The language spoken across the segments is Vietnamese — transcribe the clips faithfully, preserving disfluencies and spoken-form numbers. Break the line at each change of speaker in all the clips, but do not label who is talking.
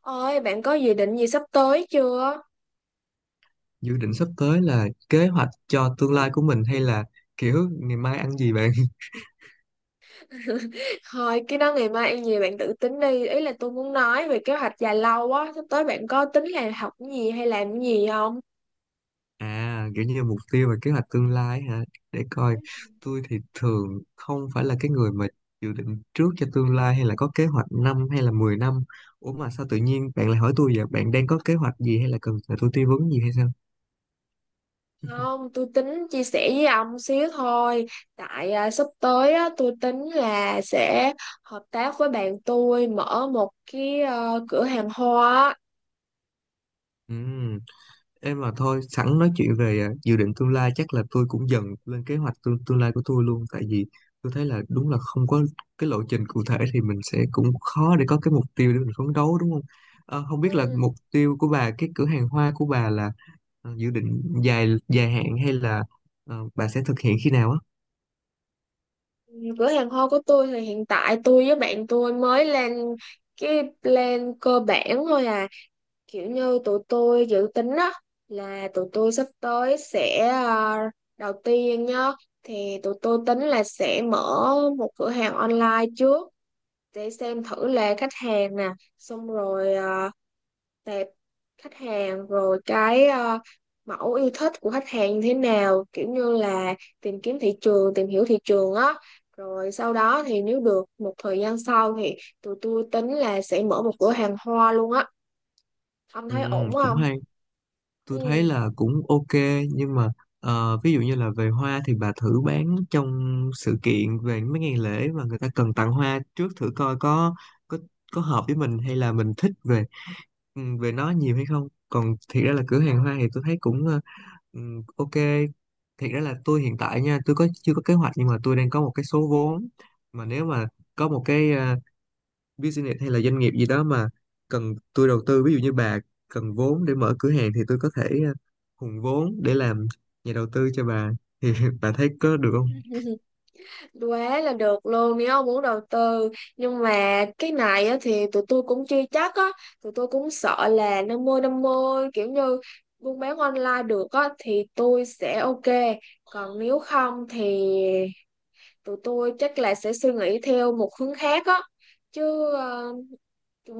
Ôi, bạn có dự định gì sắp tới chưa?
Dự định sắp tới là kế hoạch cho tương lai của mình hay là kiểu ngày mai ăn gì bạn?
Thôi, cái đó ngày mai ăn gì bạn tự tính đi. Ý là tôi muốn nói về kế hoạch dài lâu á. Sắp tới bạn có tính là học cái gì hay làm cái gì không?
À kiểu như mục tiêu và kế hoạch tương lai hả? Để coi. Tôi thì thường không phải là cái người mà dự định trước cho tương lai hay là có kế hoạch năm hay là mười năm. Ủa mà sao tự nhiên bạn lại hỏi tôi vậy? Bạn đang có kế hoạch gì hay là cần nhờ tôi tư vấn gì hay sao?
Không, tôi tính chia sẻ với ông xíu thôi. Tại à, sắp tới á, tôi tính là sẽ hợp tác với bạn tôi mở một cái ờ, cửa hàng hoa. á.
Ừ. Em mà thôi, sẵn nói chuyện về à, dự định tương lai chắc là tôi cũng dần lên kế hoạch tương, tương lai của tôi luôn, tại vì tôi thấy là đúng là không có cái lộ trình cụ thể thì mình sẽ cũng khó để có cái mục tiêu để mình phấn đấu, đúng không? Ờ, không biết là
Ừ.
mục tiêu của bà, cái cửa hàng hoa của bà là ờ, dự định dài dài hạn hay là ờ, bà sẽ thực hiện khi nào á?
Cửa hàng hoa của tôi thì hiện tại tôi với bạn tôi mới lên cái plan cơ bản thôi à. Kiểu như tụi tôi dự tính á, là tụi tôi sắp tới sẽ ờ, đầu tiên nhá, thì tụi tôi tính là sẽ mở một cửa hàng online trước để xem thử là khách hàng nè, xong rồi ờ, tệp khách hàng, rồi cái ờ, mẫu yêu thích của khách hàng như thế nào, kiểu như là tìm kiếm thị trường, tìm hiểu thị trường á. Rồi sau đó thì nếu được một thời gian sau thì tụi tôi tính là sẽ mở một cửa hàng hoa luôn á. Ông
Ừ,
thấy ổn
cũng
không?
hay. Tôi thấy
Ừ.
là cũng ok, nhưng mà ờ, ví dụ như là về hoa thì bà thử bán trong sự kiện về mấy ngày lễ mà người ta cần tặng hoa trước thử coi có có có hợp với mình hay là mình thích về ừ, về nó nhiều hay không. Còn thiệt ra là cửa hàng hoa thì tôi thấy cũng ờ, ừ, ok. Thiệt ra là tôi hiện tại nha, tôi có chưa có kế hoạch, nhưng mà tôi đang có một cái số vốn mà nếu mà có một cái ờ, business hay là doanh nghiệp gì đó mà cần tôi đầu tư, ví dụ như bà cần vốn để mở cửa hàng thì tôi có thể ờ, hùn vốn để làm nhà đầu tư cho bà thì bà thấy có được không?
Quá là được luôn nếu ông muốn đầu tư, nhưng mà cái này á, thì tụi tôi cũng chưa chắc á, tụi tôi cũng sợ là năm mươi năm mươi, kiểu như buôn bán online được á thì tôi sẽ ok, còn nếu không thì tụi tôi chắc là sẽ suy nghĩ theo một hướng khác á. Chứ ờ,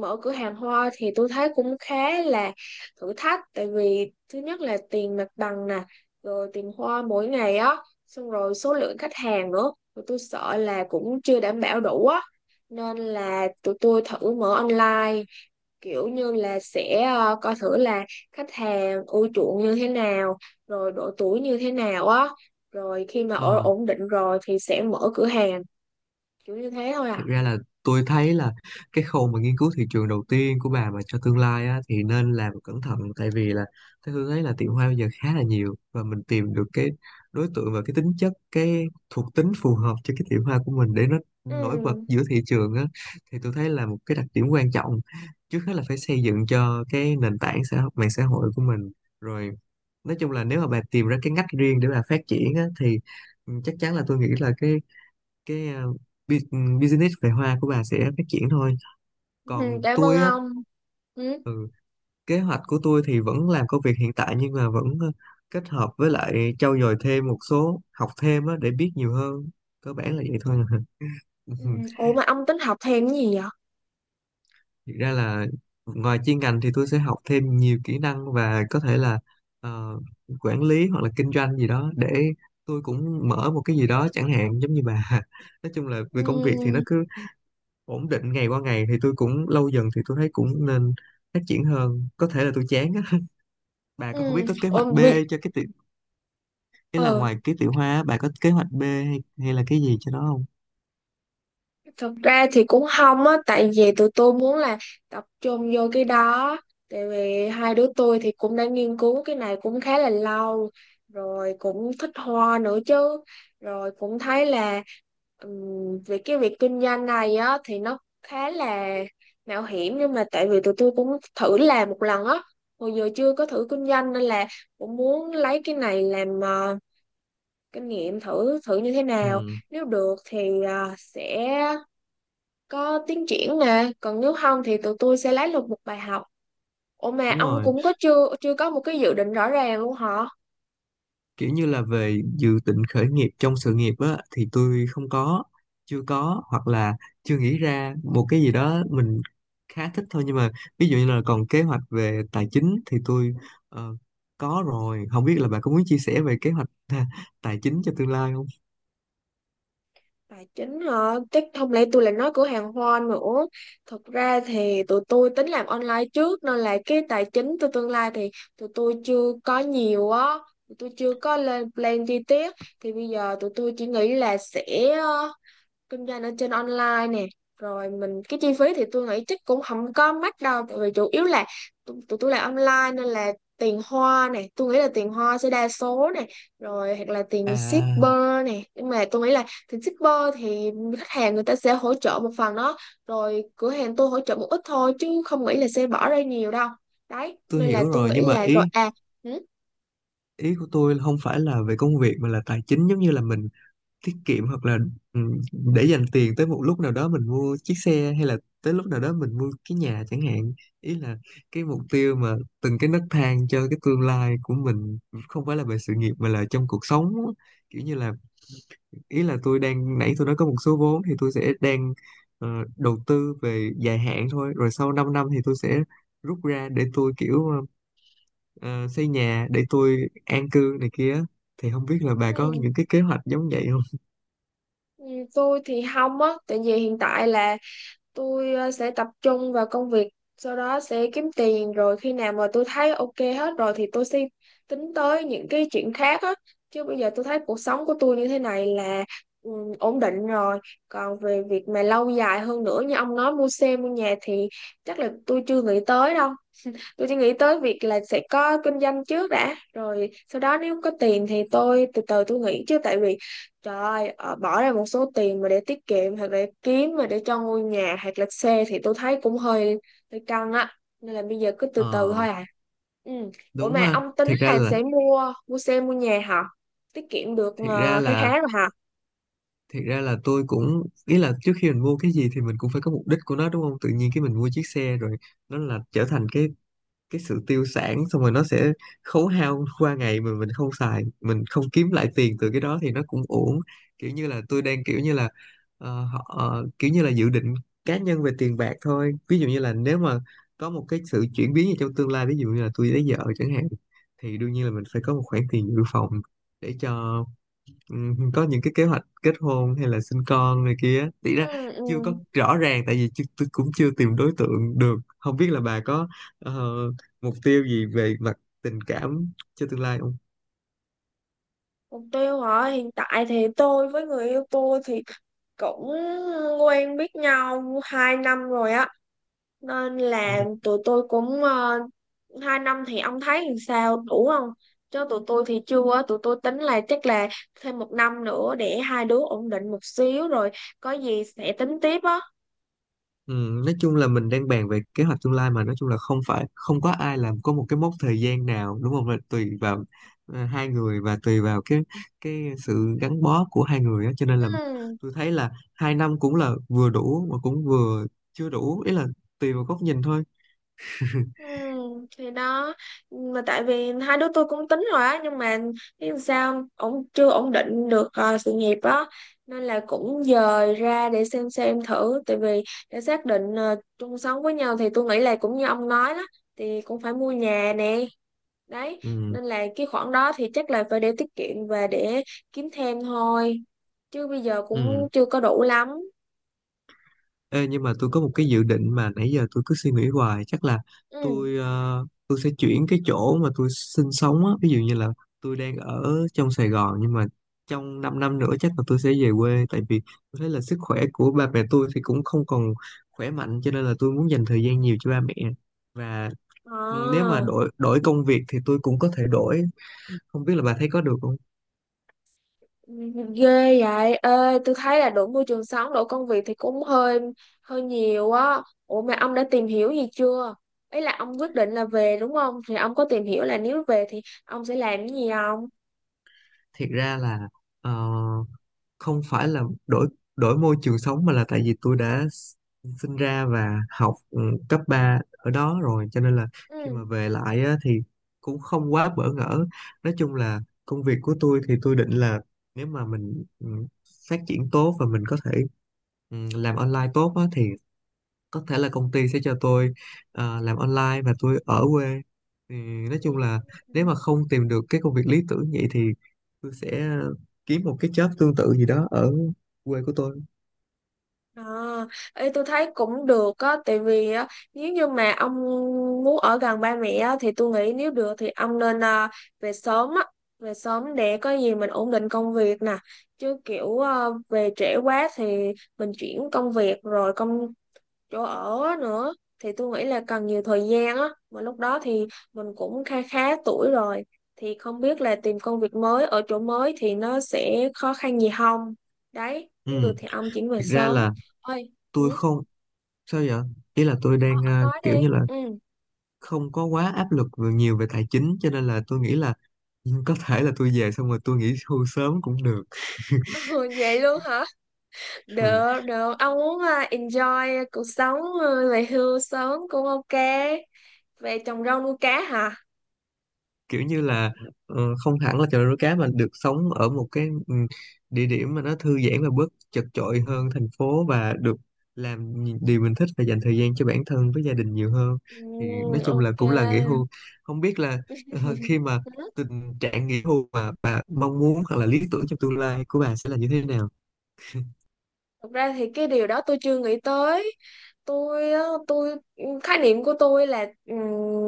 mở cửa hàng hoa thì tôi thấy cũng khá là thử thách, tại vì thứ nhất là tiền mặt bằng nè, rồi tiền hoa mỗi ngày á, xong rồi số lượng khách hàng nữa tụi tôi sợ là cũng chưa đảm bảo đủ á, nên là tụi tôi thử mở online, kiểu như là sẽ ờ, coi thử là khách hàng ưa chuộng như thế nào, rồi độ tuổi như thế nào á, rồi khi mà ở
Ờ.
ổn định rồi thì sẽ mở cửa hàng, kiểu như thế thôi à.
Thực ra là tôi thấy là cái khâu mà nghiên cứu thị trường đầu tiên của bà mà cho tương lai á, thì nên làm cẩn thận, tại vì là tôi Hương thấy là tiệm hoa bây giờ khá là nhiều, và mình tìm được cái đối tượng và cái tính chất, cái thuộc tính phù hợp cho cái tiệm hoa của mình để nó nổi bật
Ừ,
giữa thị trường á, thì tôi thấy là một cái đặc điểm quan trọng. Trước hết là phải xây dựng cho cái nền tảng xã hội, mạng xã hội của mình, rồi nói chung là nếu mà bà tìm ra cái ngách riêng để bà phát triển á, thì ừ, chắc chắn là tôi nghĩ là cái cái ờ, bu- business về hoa của bà sẽ phát triển thôi.
ừ,
Còn
cảm ơn
tôi á,
ông. Ừ.
kế hoạch của tôi thì vẫn làm công việc hiện tại nhưng mà vẫn ờ, kết hợp với lại trau dồi thêm một số, học thêm á để biết nhiều hơn. Cơ bản là vậy thôi. Ừ.
Ừ. Ủa mà ông tính học thêm cái gì vậy?
Thực ra là ngoài chuyên ngành thì tôi sẽ học thêm nhiều kỹ năng, và có thể là ờ, quản lý hoặc là kinh doanh gì đó để tôi cũng mở một cái gì đó chẳng hạn, giống như bà. Nói chung là về công việc thì nó
Ừ.
cứ ổn định ngày qua ngày thì tôi cũng lâu dần thì tôi thấy cũng nên phát triển hơn, có thể là tôi chán á. Bà có không biết
Ừ.
có kế
Ủa,
hoạch B
bị...
cho cái tiểu, ý là
ờ,
ngoài cái tiểu hóa á, bà có kế hoạch B hay, hay là cái gì cho nó không?
thật ra thì cũng không á, tại vì tụi tôi muốn là tập trung vô cái đó. Tại vì hai đứa tôi thì cũng đã nghiên cứu cái này cũng khá là lâu, rồi cũng thích hoa nữa chứ. Rồi cũng thấy là ừm, về cái việc kinh doanh này á thì nó khá là mạo hiểm, nhưng mà tại vì tụi tôi cũng thử làm một lần á, hồi giờ chưa có thử kinh doanh nên là cũng muốn lấy cái này làm ờ, kinh nghiệm, thử thử như thế nào,
Ừ,
nếu được thì à, sẽ có tiến triển nè, còn nếu không thì tụi tôi sẽ lấy được một bài học. Ủa mà
đúng
ông
rồi.
cũng có chưa chưa có một cái dự định rõ ràng luôn hả?
Kiểu như là về dự định khởi nghiệp trong sự nghiệp á thì tôi không có chưa có, hoặc là chưa nghĩ ra một cái gì đó mình khá thích thôi. Nhưng mà ví dụ như là còn kế hoạch về tài chính thì tôi ờ, có rồi. Không biết là bà có muốn chia sẻ về kế hoạch tài chính cho tương lai không?
Tài chính hả? Chắc không lẽ tôi lại nói cửa hàng hoa nữa. Thật ra thì tụi tôi tính làm online trước nên là cái tài chính tôi tương lai thì tụi tôi chưa có nhiều á, tụi tôi chưa có lên plan chi tiết. Thì bây giờ tụi tôi chỉ nghĩ là sẽ ờ, kinh doanh ở trên online nè, rồi mình cái chi phí thì tôi nghĩ chắc cũng không có mắc đâu, tại vì chủ yếu là tụi tụi tôi làm online nên là tiền hoa nè, tôi nghĩ là tiền hoa sẽ đa số nè, rồi hoặc là tiền
À,
shipper nè, nhưng mà tôi nghĩ là tiền shipper thì khách hàng người ta sẽ hỗ trợ một phần đó, rồi cửa hàng tôi hỗ trợ một ít thôi, chứ không nghĩ là sẽ bỏ ra nhiều đâu. Đấy,
tôi
nên là
hiểu
tôi
rồi,
nghĩ
nhưng mà
là rồi
ý
à. Ừ,
ý của tôi không phải là về công việc mà là tài chính, giống như là mình tiết kiệm hoặc là ừ, để dành tiền tới một lúc nào đó mình mua chiếc xe, hay là tới lúc nào đó mình mua cái nhà chẳng hạn. Ý là cái mục tiêu mà từng cái nấc thang cho cái tương lai của mình không phải là về sự nghiệp mà là trong cuộc sống á. Kiểu như là, ý là tôi đang nãy tôi nói có một số vốn thì tôi sẽ đang ờ, đầu tư về dài hạn thôi, rồi sau 5 năm thì tôi sẽ rút ra để tôi kiểu ờ, ờ, xây nhà để tôi an cư này kia, thì không biết là bà có
ừ,
những cái kế hoạch giống vậy không?
ừ, tôi thì không á, tại vì hiện tại là tôi ờ, sẽ tập trung vào công việc, sau đó sẽ kiếm tiền, rồi khi nào mà tôi thấy ok hết rồi thì tôi sẽ tính tới những cái chuyện khác á. Chứ bây giờ tôi thấy cuộc sống của tôi như thế này là ừ, ổn định rồi. Còn về việc mà lâu dài hơn nữa như ông nói mua xe mua nhà thì chắc là tôi chưa nghĩ tới đâu. Tôi chỉ nghĩ tới việc là sẽ có kinh doanh trước đã, rồi sau đó nếu có tiền thì tôi từ từ tôi nghĩ, chứ tại vì trời ơi, ờ, bỏ ra một số tiền mà để tiết kiệm hoặc để kiếm mà để cho ngôi nhà hoặc là xe thì tôi thấy cũng hơi hơi căng á, nên là bây giờ cứ từ từ
Ờ,
thôi à. Ừ. Ủa
đúng
mà
ha.
ông tính
Thiệt ra
là
là
sẽ mua mua xe mua nhà hả? Tiết kiệm được
thiệt ra
ờ, khá
là
khá rồi hả?
thiệt ra là tôi cũng, ý là trước khi mình mua cái gì thì mình cũng phải có mục đích của nó, đúng không? Tự nhiên cái mình mua chiếc xe rồi nó là trở thành cái cái sự tiêu sản, xong rồi nó sẽ khấu hao qua ngày mà mình không xài, mình không kiếm lại tiền từ cái đó thì nó cũng uổng. Kiểu như là tôi đang kiểu như là ờ, họ ờ, kiểu như là dự định cá nhân về tiền bạc thôi. Ví dụ như là nếu mà có một cái sự chuyển biến gì trong tương lai, ví dụ như là tôi lấy vợ chẳng hạn, thì đương nhiên là mình phải có một khoản tiền dự phòng để cho, ừ, có những cái kế hoạch kết hôn hay là sinh con này kia thì ra
Ừ,
chưa có
ừ.
rõ ràng, tại vì chưa, tôi cũng chưa tìm đối tượng được. Không biết là bà có ờ, mục tiêu gì về mặt tình cảm cho tương lai không?
Mục tiêu hả? Hiện tại thì tôi với người yêu tôi thì cũng quen biết nhau hai năm rồi á. Nên
Ừ.
là tụi tôi cũng uh, hai năm thì ông thấy làm sao đủ không? Chứ tụi tôi thì chưa á, tụi tôi tính là chắc là thêm một năm nữa để hai đứa ổn định một xíu rồi có gì sẽ tính tiếp á.
Ừ, nói chung là mình đang bàn về kế hoạch tương lai, mà nói chung là không phải không có ai làm có một cái mốc thời gian nào, đúng không, là tùy vào ờ, hai người và tùy vào cái cái sự gắn bó của hai người á, cho nên là
Ừ.
tôi thấy là hai năm cũng là vừa đủ mà cũng vừa chưa đủ, ý là tùy vào góc nhìn thôi.
Ừ, thì đó, mà tại vì hai đứa tôi cũng tính rồi á, nhưng mà biết làm sao, ổn chưa ổn định được ờ, sự nghiệp á, nên là cũng dời ra để xem xem thử. Tại vì để xác định ờ, chung sống với nhau thì tôi nghĩ là cũng như ông nói đó, thì cũng phải mua nhà nè. Đấy,
Ừ,
nên là cái khoản đó thì chắc là phải để tiết kiệm và để kiếm thêm thôi, chứ bây giờ cũng
ừ.
chưa có đủ lắm.
Ê, nhưng mà tôi có một cái dự định mà nãy giờ tôi cứ suy nghĩ hoài, chắc là
Ừ.
tôi ờ, tôi sẽ chuyển cái chỗ mà tôi sinh sống á. Ví dụ như là tôi đang ở trong Sài Gòn, nhưng mà trong 5 năm năm nữa chắc là tôi sẽ về quê, tại vì tôi thấy là sức khỏe của ba mẹ tôi thì cũng không còn khỏe mạnh, cho nên là tôi muốn dành thời gian nhiều cho ba mẹ. Và nếu mà
Ờ.
đổi đổi công việc thì tôi cũng có thể đổi. Không biết là bà thấy có được không?
Ghê vậy ê, tôi thấy là đổi môi trường sống, đổi công việc thì cũng hơi hơi nhiều á. Ủa mà ông đã tìm hiểu gì chưa? Ý là ông quyết định là về, đúng không, thì ông có tìm hiểu là nếu về thì ông sẽ làm cái gì không?
Thiệt ra là ờ, không phải là đổi đổi môi trường sống, mà là tại vì tôi đã sinh ra và học ừ, cấp ba ở đó rồi, cho nên là khi
Ừ.
mà về lại á, thì cũng không quá bỡ ngỡ. Nói chung là công việc của tôi thì tôi định là nếu mà mình ừ, phát triển tốt và mình có thể ừ, làm online tốt á, thì có thể là công ty sẽ cho tôi ờ, làm online và tôi ở quê, thì nói
Ừ.
chung là
Ừ.
nếu mà không tìm được cái công việc lý tưởng vậy thì tôi sẽ kiếm một cái job tương tự gì đó ở quê của tôi.
À, ê, tôi thấy cũng được á, tại vì á, nếu như mà ông muốn ở gần ba mẹ á, thì tôi nghĩ nếu được thì ông nên à, về sớm á, về sớm để có gì mình ổn định công việc nè, chứ kiểu à, về trễ quá thì mình chuyển công việc rồi công chỗ ở á nữa thì tôi nghĩ là cần nhiều thời gian á, mà lúc đó thì mình cũng khá khá tuổi rồi, thì không biết là tìm công việc mới ở chỗ mới thì nó sẽ khó khăn gì không. Đấy,
Ừ,
nếu được thì ông chuyển về
thực ra
sớm.
là
Ơi? Ừ,
tôi không, sao vậy? Ý là tôi đang
ông
ờ,
nói
kiểu
đi.
như là
Ừ.
không có quá áp lực về- nhiều về tài chính, cho nên là tôi nghĩ là có thể là tôi về xong rồi tôi nghỉ hưu sớm cũng được.
Ừ, vậy luôn hả?
Ừ.
Được được, ông muốn à, enjoy cuộc sống, à, về hưu sớm cũng ok. Về trồng rau nuôi cá hả?
Kiểu như là ờ, không hẳn là chợ nuôi cá, mà được sống ở một cái ừ, địa điểm mà nó thư giãn và bớt chật chội hơn thành phố, và được làm những điều mình thích và dành thời gian cho bản thân với gia đình nhiều hơn,
Ừ,
thì nói chung là
ok.
cũng là nghỉ hưu. Không biết là ờ, khi mà tình trạng nghỉ hưu mà bà mong muốn hoặc là lý tưởng trong tương lai của bà sẽ là như thế nào?
Thực ra thì cái điều đó tôi chưa nghĩ tới. Tôi á, tôi ừ, Khái niệm của tôi là ừm,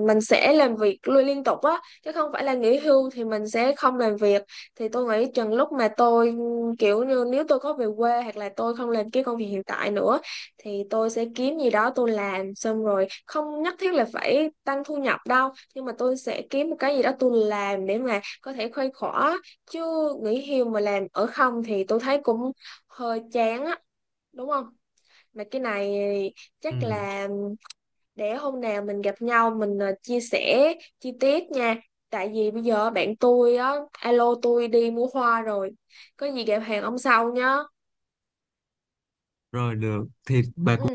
mình sẽ làm việc luôn liên tục á, chứ không phải là nghỉ hưu thì mình sẽ không làm việc. Thì tôi nghĩ chừng lúc mà tôi ừm, kiểu như nếu tôi có về quê hoặc là tôi không làm cái công việc hiện tại nữa thì tôi sẽ kiếm gì đó tôi làm, xong rồi không nhất thiết là phải tăng thu nhập đâu, nhưng mà tôi sẽ kiếm một cái gì đó tôi làm để mà có thể khuây khỏa. Chứ nghỉ hưu mà làm ở không thì tôi thấy cũng hơi chán á, đúng không? Mà cái này chắc
Ừ,
là để hôm nào mình gặp nhau mình ờ, chia sẻ chi tiết nha. Tại vì bây giờ bạn tôi á alo tôi đi mua hoa rồi, có gì gặp hàng ông sau nhá.
rồi được thì bà
Ừ.
cũng